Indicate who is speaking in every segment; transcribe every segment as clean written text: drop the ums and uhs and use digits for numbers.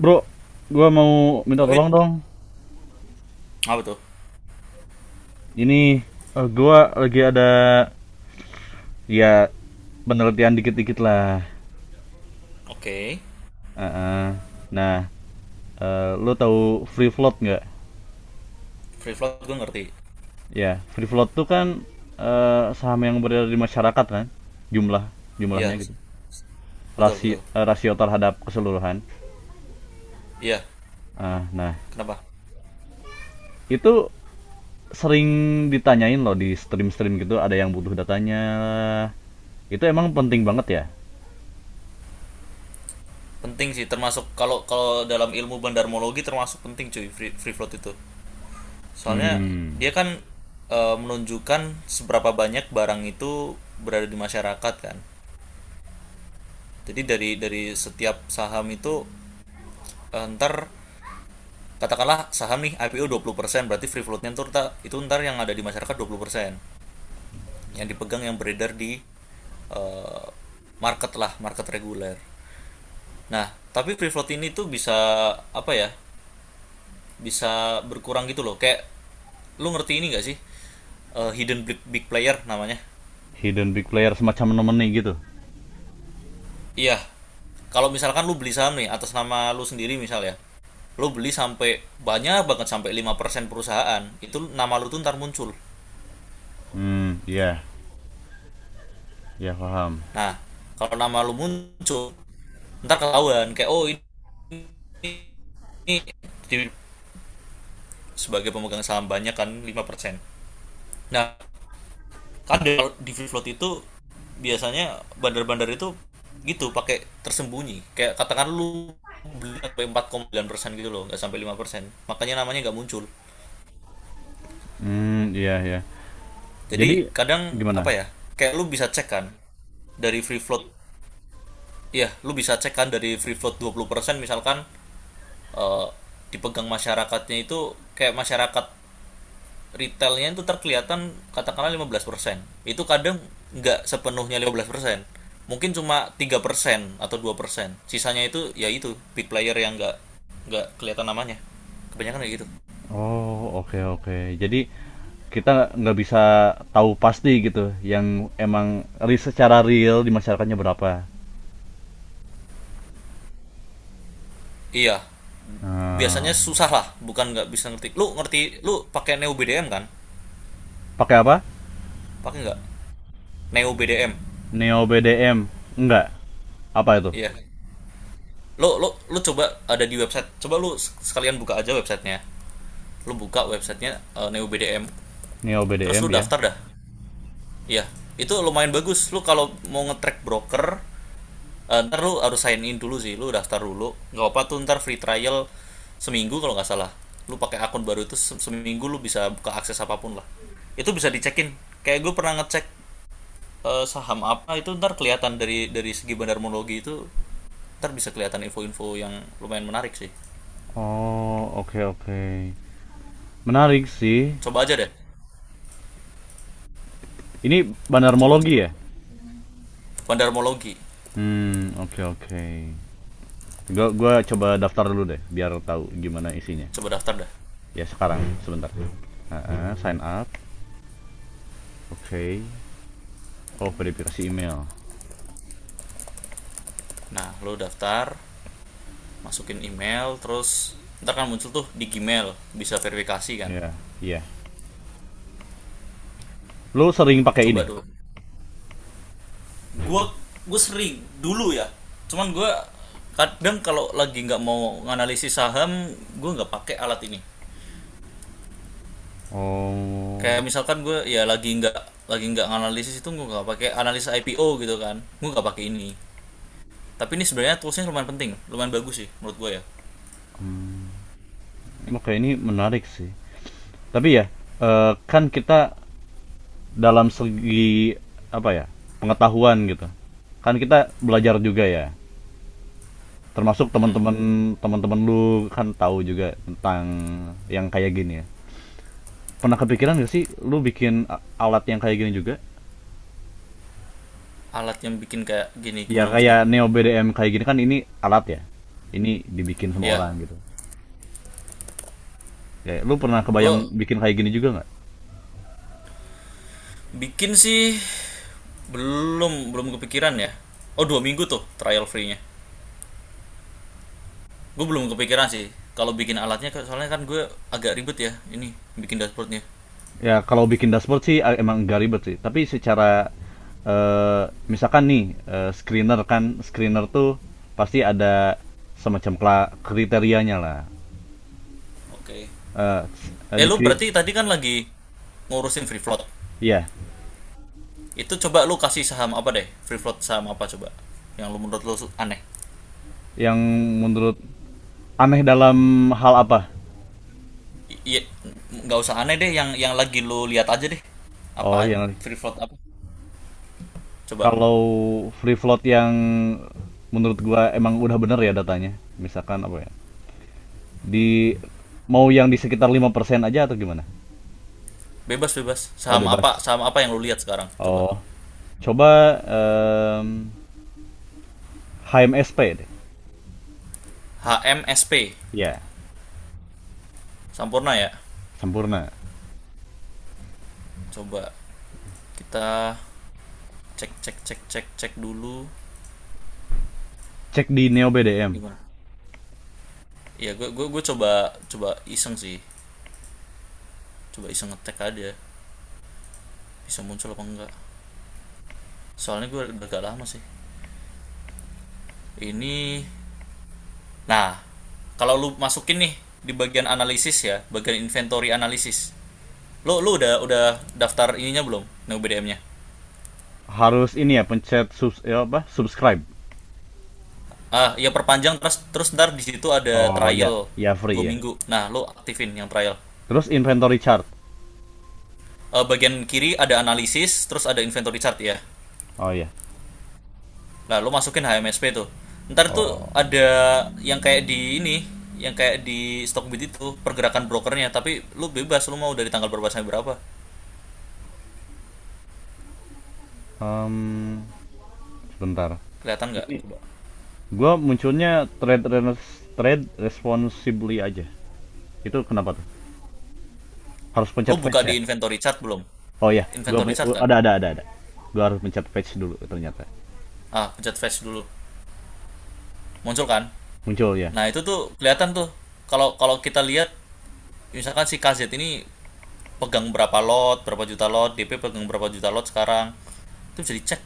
Speaker 1: Bro, gua mau minta
Speaker 2: Oh,
Speaker 1: tolong dong.
Speaker 2: apa tuh?
Speaker 1: Ini gua lagi ada ya penelitian dikit-dikit lah.
Speaker 2: Oke. Okay.
Speaker 1: Heeh. Nah, lu tahu free float nggak?
Speaker 2: Free float gue ngerti.
Speaker 1: Ya, free float tuh kan saham yang beredar di masyarakat kan, jumlah jumlahnya
Speaker 2: Iya,
Speaker 1: gitu.
Speaker 2: betul
Speaker 1: Rasio
Speaker 2: betul.
Speaker 1: eh, rasio terhadap keseluruhan.
Speaker 2: Iya,
Speaker 1: Nah,
Speaker 2: kenapa?
Speaker 1: itu sering ditanyain loh di stream-stream gitu, ada yang butuh datanya. Itu emang penting banget ya?
Speaker 2: Penting sih, termasuk kalau kalau dalam ilmu bandarmologi termasuk penting, cuy. Free float itu. Soalnya
Speaker 1: Hmm.
Speaker 2: dia kan, menunjukkan seberapa banyak barang itu berada di masyarakat kan. Jadi dari setiap saham itu, ntar katakanlah saham nih IPO 20%, berarti free floatnya ntar itu ntar yang ada di masyarakat 20%. Yang dipegang, yang beredar di, eh, market lah, market reguler. Nah, tapi free float ini tuh bisa, apa ya, bisa berkurang gitu loh. Kayak, lu ngerti ini gak sih? Hidden big player namanya.
Speaker 1: Hidden big player semacam nomini gitu.
Speaker 2: Iya, kalau misalkan lu beli saham nih atas nama lu sendiri misal ya, lu beli sampai banyak banget sampai 5% perusahaan itu, nama lu tuh ntar muncul.
Speaker 1: Hmm, iya, ya paham.
Speaker 2: Nah, kalau nama lu muncul, ntar ketahuan kayak, oh, ini sebagai pemegang saham banyak kan, 5%. Nah, kan free float itu biasanya bandar-bandar itu gitu pakai tersembunyi, kayak katakan lu beli sampai 4,9% gitu loh, nggak sampai 5%, makanya namanya nggak muncul.
Speaker 1: Hmm, iya ya. Jadi
Speaker 2: Jadi kadang, apa
Speaker 1: gimana?
Speaker 2: ya, kayak lu bisa cek kan dari free float, iya lu bisa cek kan dari free float 20% misalkan, eh, dipegang masyarakatnya itu. Kayak masyarakat retailnya itu terkelihatan katakanlah 15%. Itu kadang nggak sepenuhnya 15%. Mungkin cuma 3% atau 2%. Sisanya itu ya itu big player yang nggak kelihatan namanya. Kebanyakan kayak gitu.
Speaker 1: Oh, oke oke. Jadi kita nggak bisa tahu pasti gitu yang emang secara real di masyarakatnya berapa.
Speaker 2: Iya. Biasanya
Speaker 1: Hmm,
Speaker 2: susah lah, bukan nggak bisa ngerti. Lu ngerti, lu pakai Neo BDM kan?
Speaker 1: pakai apa?
Speaker 2: Pakai nggak? Neo BDM.
Speaker 1: Neo BDM. Enggak. Apa itu?
Speaker 2: Iya. Lu lu lu coba, ada di website. Coba lu sekalian buka aja websitenya. Lu buka websitenya, Neo BDM.
Speaker 1: Neo
Speaker 2: Terus lu
Speaker 1: BDM ya.
Speaker 2: daftar dah. Iya, itu lumayan bagus. Lu kalau mau nge-track broker, ntar lu harus sign in dulu sih. Lu daftar dulu. Nggak, apa tuh, ntar free trial seminggu kalau nggak salah. Lu pakai akun baru itu, seminggu lu bisa buka akses apapun lah. Itu bisa dicekin. Kayak gue pernah ngecek, saham apa itu, ntar kelihatan dari segi bandarmologi itu ntar bisa kelihatan info-info yang lumayan menarik sih.
Speaker 1: Oh, oke oke. Menarik sih.
Speaker 2: Coba aja deh.
Speaker 1: Ini
Speaker 2: Coba
Speaker 1: banarmologi
Speaker 2: coba.
Speaker 1: ya?
Speaker 2: Bandarmologi.
Speaker 1: Hmm, oke oke. Gua coba daftar dulu deh biar tahu gimana isinya.
Speaker 2: Coba daftar dah.
Speaker 1: Ya sekarang sebentar. Sign up. Oke. Okay. Oh, verifikasi email.
Speaker 2: Nah, lu daftar, masukin email, terus ntar kan muncul tuh di Gmail, bisa verifikasi
Speaker 1: Ya,
Speaker 2: kan.
Speaker 1: yeah. Iya. Yeah. Lo sering
Speaker 2: Nah,
Speaker 1: pakai
Speaker 2: coba
Speaker 1: ini?
Speaker 2: dulu. Gue gue sering dulu ya, cuman gue kadang kalau lagi nggak mau nganalisis saham gue nggak pakai alat ini. Kayak
Speaker 1: Oh.
Speaker 2: misalkan gue ya lagi nggak nganalisis itu, gue nggak pakai analisa IPO gitu kan, gue nggak pakai ini. Tapi ini sebenarnya toolsnya lumayan penting, lumayan bagus sih, menurut gue ya.
Speaker 1: Oke, ini menarik sih. Tapi ya, kan kita dalam segi apa ya? Pengetahuan gitu. Kan kita belajar juga ya. Termasuk teman-teman lu kan tahu juga tentang yang kayak gini ya. Pernah kepikiran gak sih lu bikin alat yang kayak gini juga?
Speaker 2: Alat yang bikin kayak gini
Speaker 1: Ya
Speaker 2: gimana
Speaker 1: kayak
Speaker 2: maksudnya?
Speaker 1: Neo BDM kayak gini kan ini alat ya. Ini dibikin sama
Speaker 2: Ya
Speaker 1: orang gitu. Ya, lu pernah
Speaker 2: gue
Speaker 1: kebayang bikin kayak gini juga nggak?
Speaker 2: bikin sih, belum belum kepikiran ya. Oh, 2 minggu tuh trial free-nya. Gue belum kepikiran sih kalau bikin alatnya, soalnya kan gue agak ribet ya ini bikin dashboardnya.
Speaker 1: Ya kalau bikin dashboard sih emang nggak ribet sih. Tapi secara eh, misalkan nih screener kan screener tuh pasti ada semacam kriterianya lah.
Speaker 2: Oke. Okay.
Speaker 1: Eh, eh, di
Speaker 2: Lu
Speaker 1: kri-
Speaker 2: berarti tadi kan lagi ngurusin free float
Speaker 1: iya,
Speaker 2: itu, coba lu kasih saham apa deh, free float saham apa coba, yang lu, menurut lu, aneh.
Speaker 1: yang menurut aneh dalam hal apa?
Speaker 2: Iya, nggak usah aneh deh, yang lagi lu lihat aja deh, apa
Speaker 1: Oh, yang
Speaker 2: free float apa coba.
Speaker 1: kalau free float yang menurut gua emang udah bener ya datanya, misalkan apa ya, di mau yang di sekitar 5% aja atau gimana.
Speaker 2: Bebas bebas,
Speaker 1: Oh,
Speaker 2: saham
Speaker 1: bebas.
Speaker 2: apa, saham apa yang lu lihat sekarang, coba.
Speaker 1: Oh, coba em, HMSP deh
Speaker 2: H M S P.
Speaker 1: ya.
Speaker 2: Sampurna ya.
Speaker 1: Sempurna.
Speaker 2: Coba kita cek cek cek cek cek dulu
Speaker 1: Cek di Neo BDM.
Speaker 2: gimana. Ya gue coba coba iseng sih. Coba iseng ngetek aja bisa muncul apa enggak. Soalnya gue udah agak lama sih ini. Nah, kalau lu masukin nih di bagian analisis ya, bagian inventory analisis, lu lu udah daftar ininya belum, BDM-nya?
Speaker 1: Harus ini ya, pencet subs ya apa subscribe.
Speaker 2: Ah ya, perpanjang. Terus terus ntar di situ ada
Speaker 1: Oh ya,
Speaker 2: trial
Speaker 1: ya free
Speaker 2: dua
Speaker 1: ya.
Speaker 2: minggu nah lu aktifin yang trial.
Speaker 1: Terus inventory chart.
Speaker 2: Bagian kiri ada analisis terus ada inventory chart ya.
Speaker 1: Oh ya.
Speaker 2: Nah, lu masukin HMSP tuh. Ntar tuh
Speaker 1: Oh.
Speaker 2: ada yang kayak di ini, yang kayak di Stockbit, itu pergerakan brokernya, tapi lu bebas, lu mau dari tanggal berapa sampai berapa.
Speaker 1: Em, Sebentar
Speaker 2: Kelihatan nggak?
Speaker 1: ini.
Speaker 2: Coba.
Speaker 1: Gua munculnya trade responsibly aja. Itu kenapa tuh? Harus
Speaker 2: Lu
Speaker 1: pencet
Speaker 2: buka
Speaker 1: fetch ya?
Speaker 2: di inventory chart belum?
Speaker 1: Oh ya, gua
Speaker 2: Inventory chart kan?
Speaker 1: ada ada. Gua harus pencet fetch dulu ternyata.
Speaker 2: Ah, pencet flash dulu. Muncul kan?
Speaker 1: Muncul ya.
Speaker 2: Nah, itu tuh kelihatan tuh. Kalau kalau kita lihat misalkan si KZ ini pegang berapa lot, berapa juta lot, DP pegang berapa juta lot sekarang. Itu bisa dicek.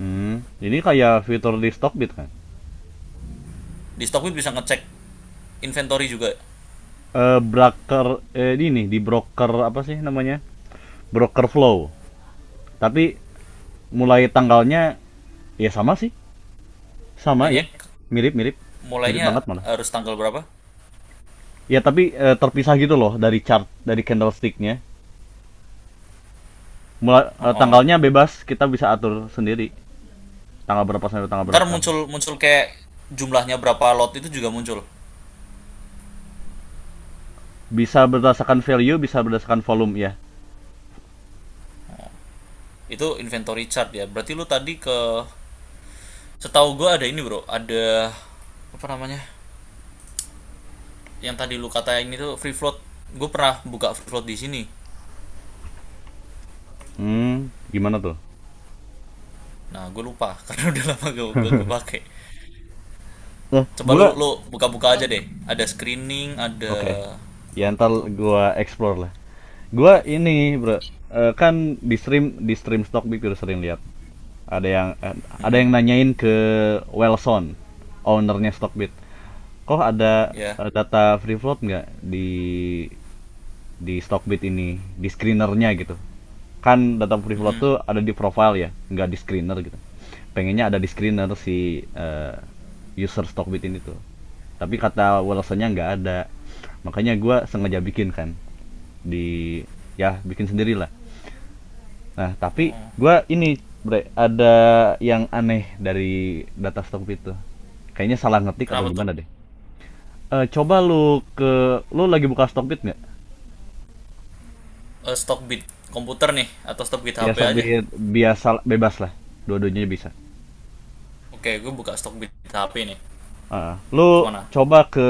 Speaker 1: Hmm, ini kayak fitur di Stockbit kan?
Speaker 2: Di Stockbit bisa ngecek inventory juga.
Speaker 1: Eh broker eh ini di broker apa sih namanya? Broker flow. Tapi mulai tanggalnya ya sama sih. Sama
Speaker 2: Kayaknya
Speaker 1: ya. Mirip-mirip. Mirip
Speaker 2: mulainya
Speaker 1: banget malah.
Speaker 2: harus tanggal berapa?
Speaker 1: Ya tapi terpisah gitu loh dari chart dari candlesticknya. Mulai
Speaker 2: Oh, oh.
Speaker 1: tanggalnya bebas, kita bisa atur sendiri tanggal berapa sampai tanggal
Speaker 2: Ntar
Speaker 1: berapa.
Speaker 2: muncul muncul kayak jumlahnya berapa lot itu juga muncul.
Speaker 1: Bisa berdasarkan value, bisa berdasarkan volume ya.
Speaker 2: Itu inventory chart ya. Berarti lu tadi ke, setahu gue ada ini bro, ada apa namanya? Yang tadi lu katain itu free float. Gue pernah buka free float di sini.
Speaker 1: Hmm, gimana tuh?
Speaker 2: Nah, gue lupa karena udah lama gak, gue pakai.
Speaker 1: Nah,
Speaker 2: Coba lu
Speaker 1: gua
Speaker 2: lu buka-buka aja deh. Ada screening, ada
Speaker 1: oke. Okay. Ya
Speaker 2: apa
Speaker 1: ntar
Speaker 2: tuh?
Speaker 1: gua explore lah. Gua
Speaker 2: Live.
Speaker 1: ini, Bro. Kan di stream stockbit udah sering lihat ada yang eh, ada yang nanyain ke Wellson, ownernya Stockbit, kok ada
Speaker 2: Ya. Yeah.
Speaker 1: data free float nggak di Stockbit ini, di screenernya gitu. Kan data free float tuh ada di profile ya, nggak di screener gitu. Pengennya ada di screener si user Stockbit ini tuh. Tapi kata wallace nggak ada. Makanya gue sengaja bikin kan di ya bikin sendiri lah. Nah, tapi
Speaker 2: Oh.
Speaker 1: gue ini Bre, ada yang aneh dari data Stockbit tuh. Kayaknya salah ngetik atau
Speaker 2: Kenapa tuh?
Speaker 1: gimana deh. Coba lu lagi buka Stockbit nggak?
Speaker 2: Stock komputer nih atau stockbit bid
Speaker 1: Ya
Speaker 2: HP aja?
Speaker 1: sabit biasa bebas lah. Dua-duanya bisa.
Speaker 2: Oke, gue buka stok BTHP nih.
Speaker 1: Lu
Speaker 2: Kemana?
Speaker 1: coba ke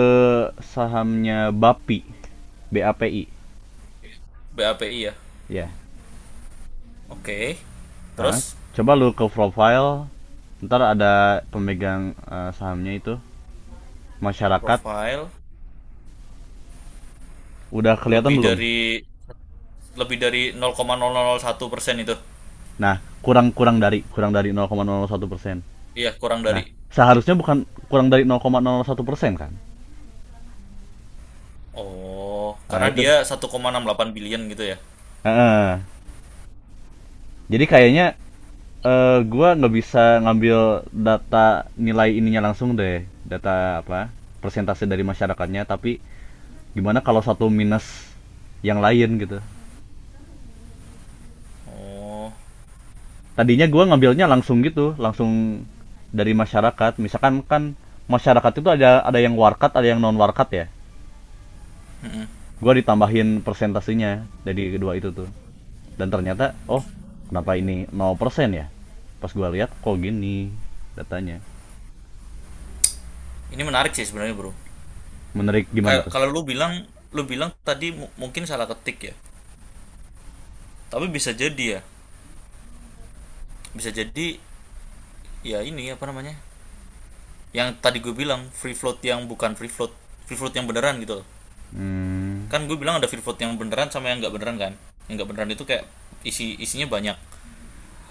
Speaker 1: sahamnya BAPI. BAPI.
Speaker 2: BAPI ya.
Speaker 1: Ya.
Speaker 2: Oke.
Speaker 1: Ah,
Speaker 2: Terus,
Speaker 1: coba lu ke profile. Ntar ada pemegang sahamnya itu masyarakat.
Speaker 2: profile,
Speaker 1: Udah kelihatan
Speaker 2: lebih
Speaker 1: belum?
Speaker 2: dari lebih dari 0,001% itu.
Speaker 1: Nah, kurang dari 0,01%.
Speaker 2: Iya, kurang
Speaker 1: Nah,
Speaker 2: dari.
Speaker 1: seharusnya bukan kurang dari 0,01% kan?
Speaker 2: Oh,
Speaker 1: Ah,
Speaker 2: karena
Speaker 1: itu.
Speaker 2: dia 1,68 billion gitu ya.
Speaker 1: Ah, ah. Jadi kayaknya gua nggak bisa ngambil data nilai ininya langsung deh, data apa, persentase dari masyarakatnya. Tapi gimana kalau satu minus yang lain gitu.
Speaker 2: Oh,
Speaker 1: Tadinya gua ngambilnya langsung gitu, langsung dari masyarakat. Misalkan kan masyarakat itu ada yang warkat, ada yang non warkat ya, gua ditambahin persentasenya dari kedua itu tuh. Dan ternyata oh, kenapa ini 0% ya pas gua lihat. Kok gini datanya.
Speaker 2: ini menarik sih sebenarnya, Bro.
Speaker 1: Menarik gimana
Speaker 2: Kayak
Speaker 1: tuh?
Speaker 2: kalau lu bilang tadi mungkin salah ketik ya. Tapi bisa jadi ya. Bisa jadi ya ini, apa namanya? Yang tadi gue bilang, free float yang bukan free float, free float yang beneran gitu loh.
Speaker 1: Hmm.
Speaker 2: Kan gue bilang ada Freeport yang beneran sama yang nggak beneran kan. Yang nggak beneran itu kayak isinya banyak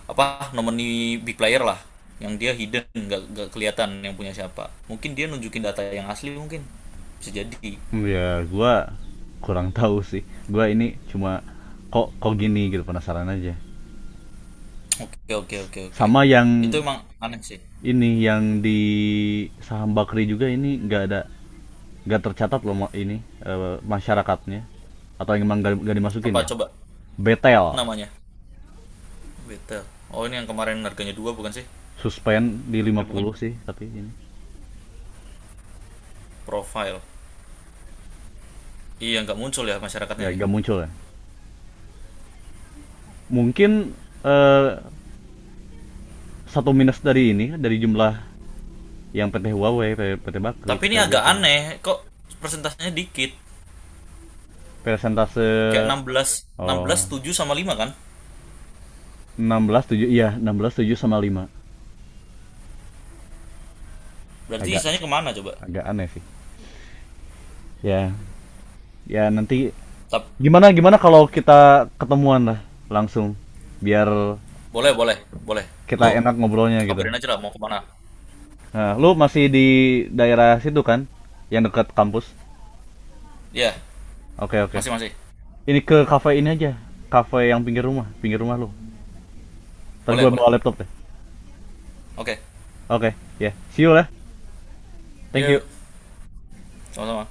Speaker 2: apa, nomini, big player lah, yang dia hidden, nggak kelihatan yang punya siapa. Mungkin dia nunjukin data yang asli, mungkin. Bisa jadi.
Speaker 1: Ya, gua kurang tahu sih. Gua ini cuma kok kok gini gitu, penasaran aja.
Speaker 2: Oke, oke, oke, oke.
Speaker 1: Sama
Speaker 2: Itu
Speaker 1: yang
Speaker 2: emang aneh sih.
Speaker 1: ini yang di saham bakri juga ini nggak ada, nggak tercatat loh ini masyarakatnya, atau yang emang nggak
Speaker 2: Apa
Speaker 1: dimasukin ya.
Speaker 2: coba
Speaker 1: Betel
Speaker 2: namanya? Betel. Oh, ini yang kemarin harganya dua bukan sih?
Speaker 1: suspend di lima
Speaker 2: Ini bukan.
Speaker 1: puluh sih tapi ini
Speaker 2: Profile. Iya nggak muncul ya masyarakatnya
Speaker 1: ya
Speaker 2: ya.
Speaker 1: nggak muncul ya. Mungkin eh, satu minus dari ini, dari jumlah yang PT Huawei, PT Bakri,
Speaker 2: Tapi
Speaker 1: PT
Speaker 2: ini agak
Speaker 1: Biafo.
Speaker 2: aneh kok persentasenya dikit.
Speaker 1: Persentase
Speaker 2: Kayak 16, enam belas
Speaker 1: oh
Speaker 2: tujuh sama 5 kan.
Speaker 1: 16 7, iya, 16,7 sama 5.
Speaker 2: Berarti
Speaker 1: Agak
Speaker 2: sisanya kemana coba?
Speaker 1: agak aneh sih. Ya, ya nanti
Speaker 2: Tap.
Speaker 1: gimana gimana kalau kita ketemuan lah langsung biar
Speaker 2: Boleh, boleh, boleh.
Speaker 1: kita
Speaker 2: Lo
Speaker 1: enak ngobrolnya gitu.
Speaker 2: kabarin aja lah mau kemana.
Speaker 1: Nah, lu masih di daerah situ kan? Yang dekat kampus.
Speaker 2: Iya,
Speaker 1: Oke, oke.
Speaker 2: masih masih.
Speaker 1: Ini ke kafe ini aja. Kafe yang pinggir rumah lu. Ntar gue
Speaker 2: Boleh, boleh.
Speaker 1: bawa laptop deh.
Speaker 2: Oke.
Speaker 1: Oke, ya. See you lah. Thank you.
Speaker 2: Yuk, sama-sama.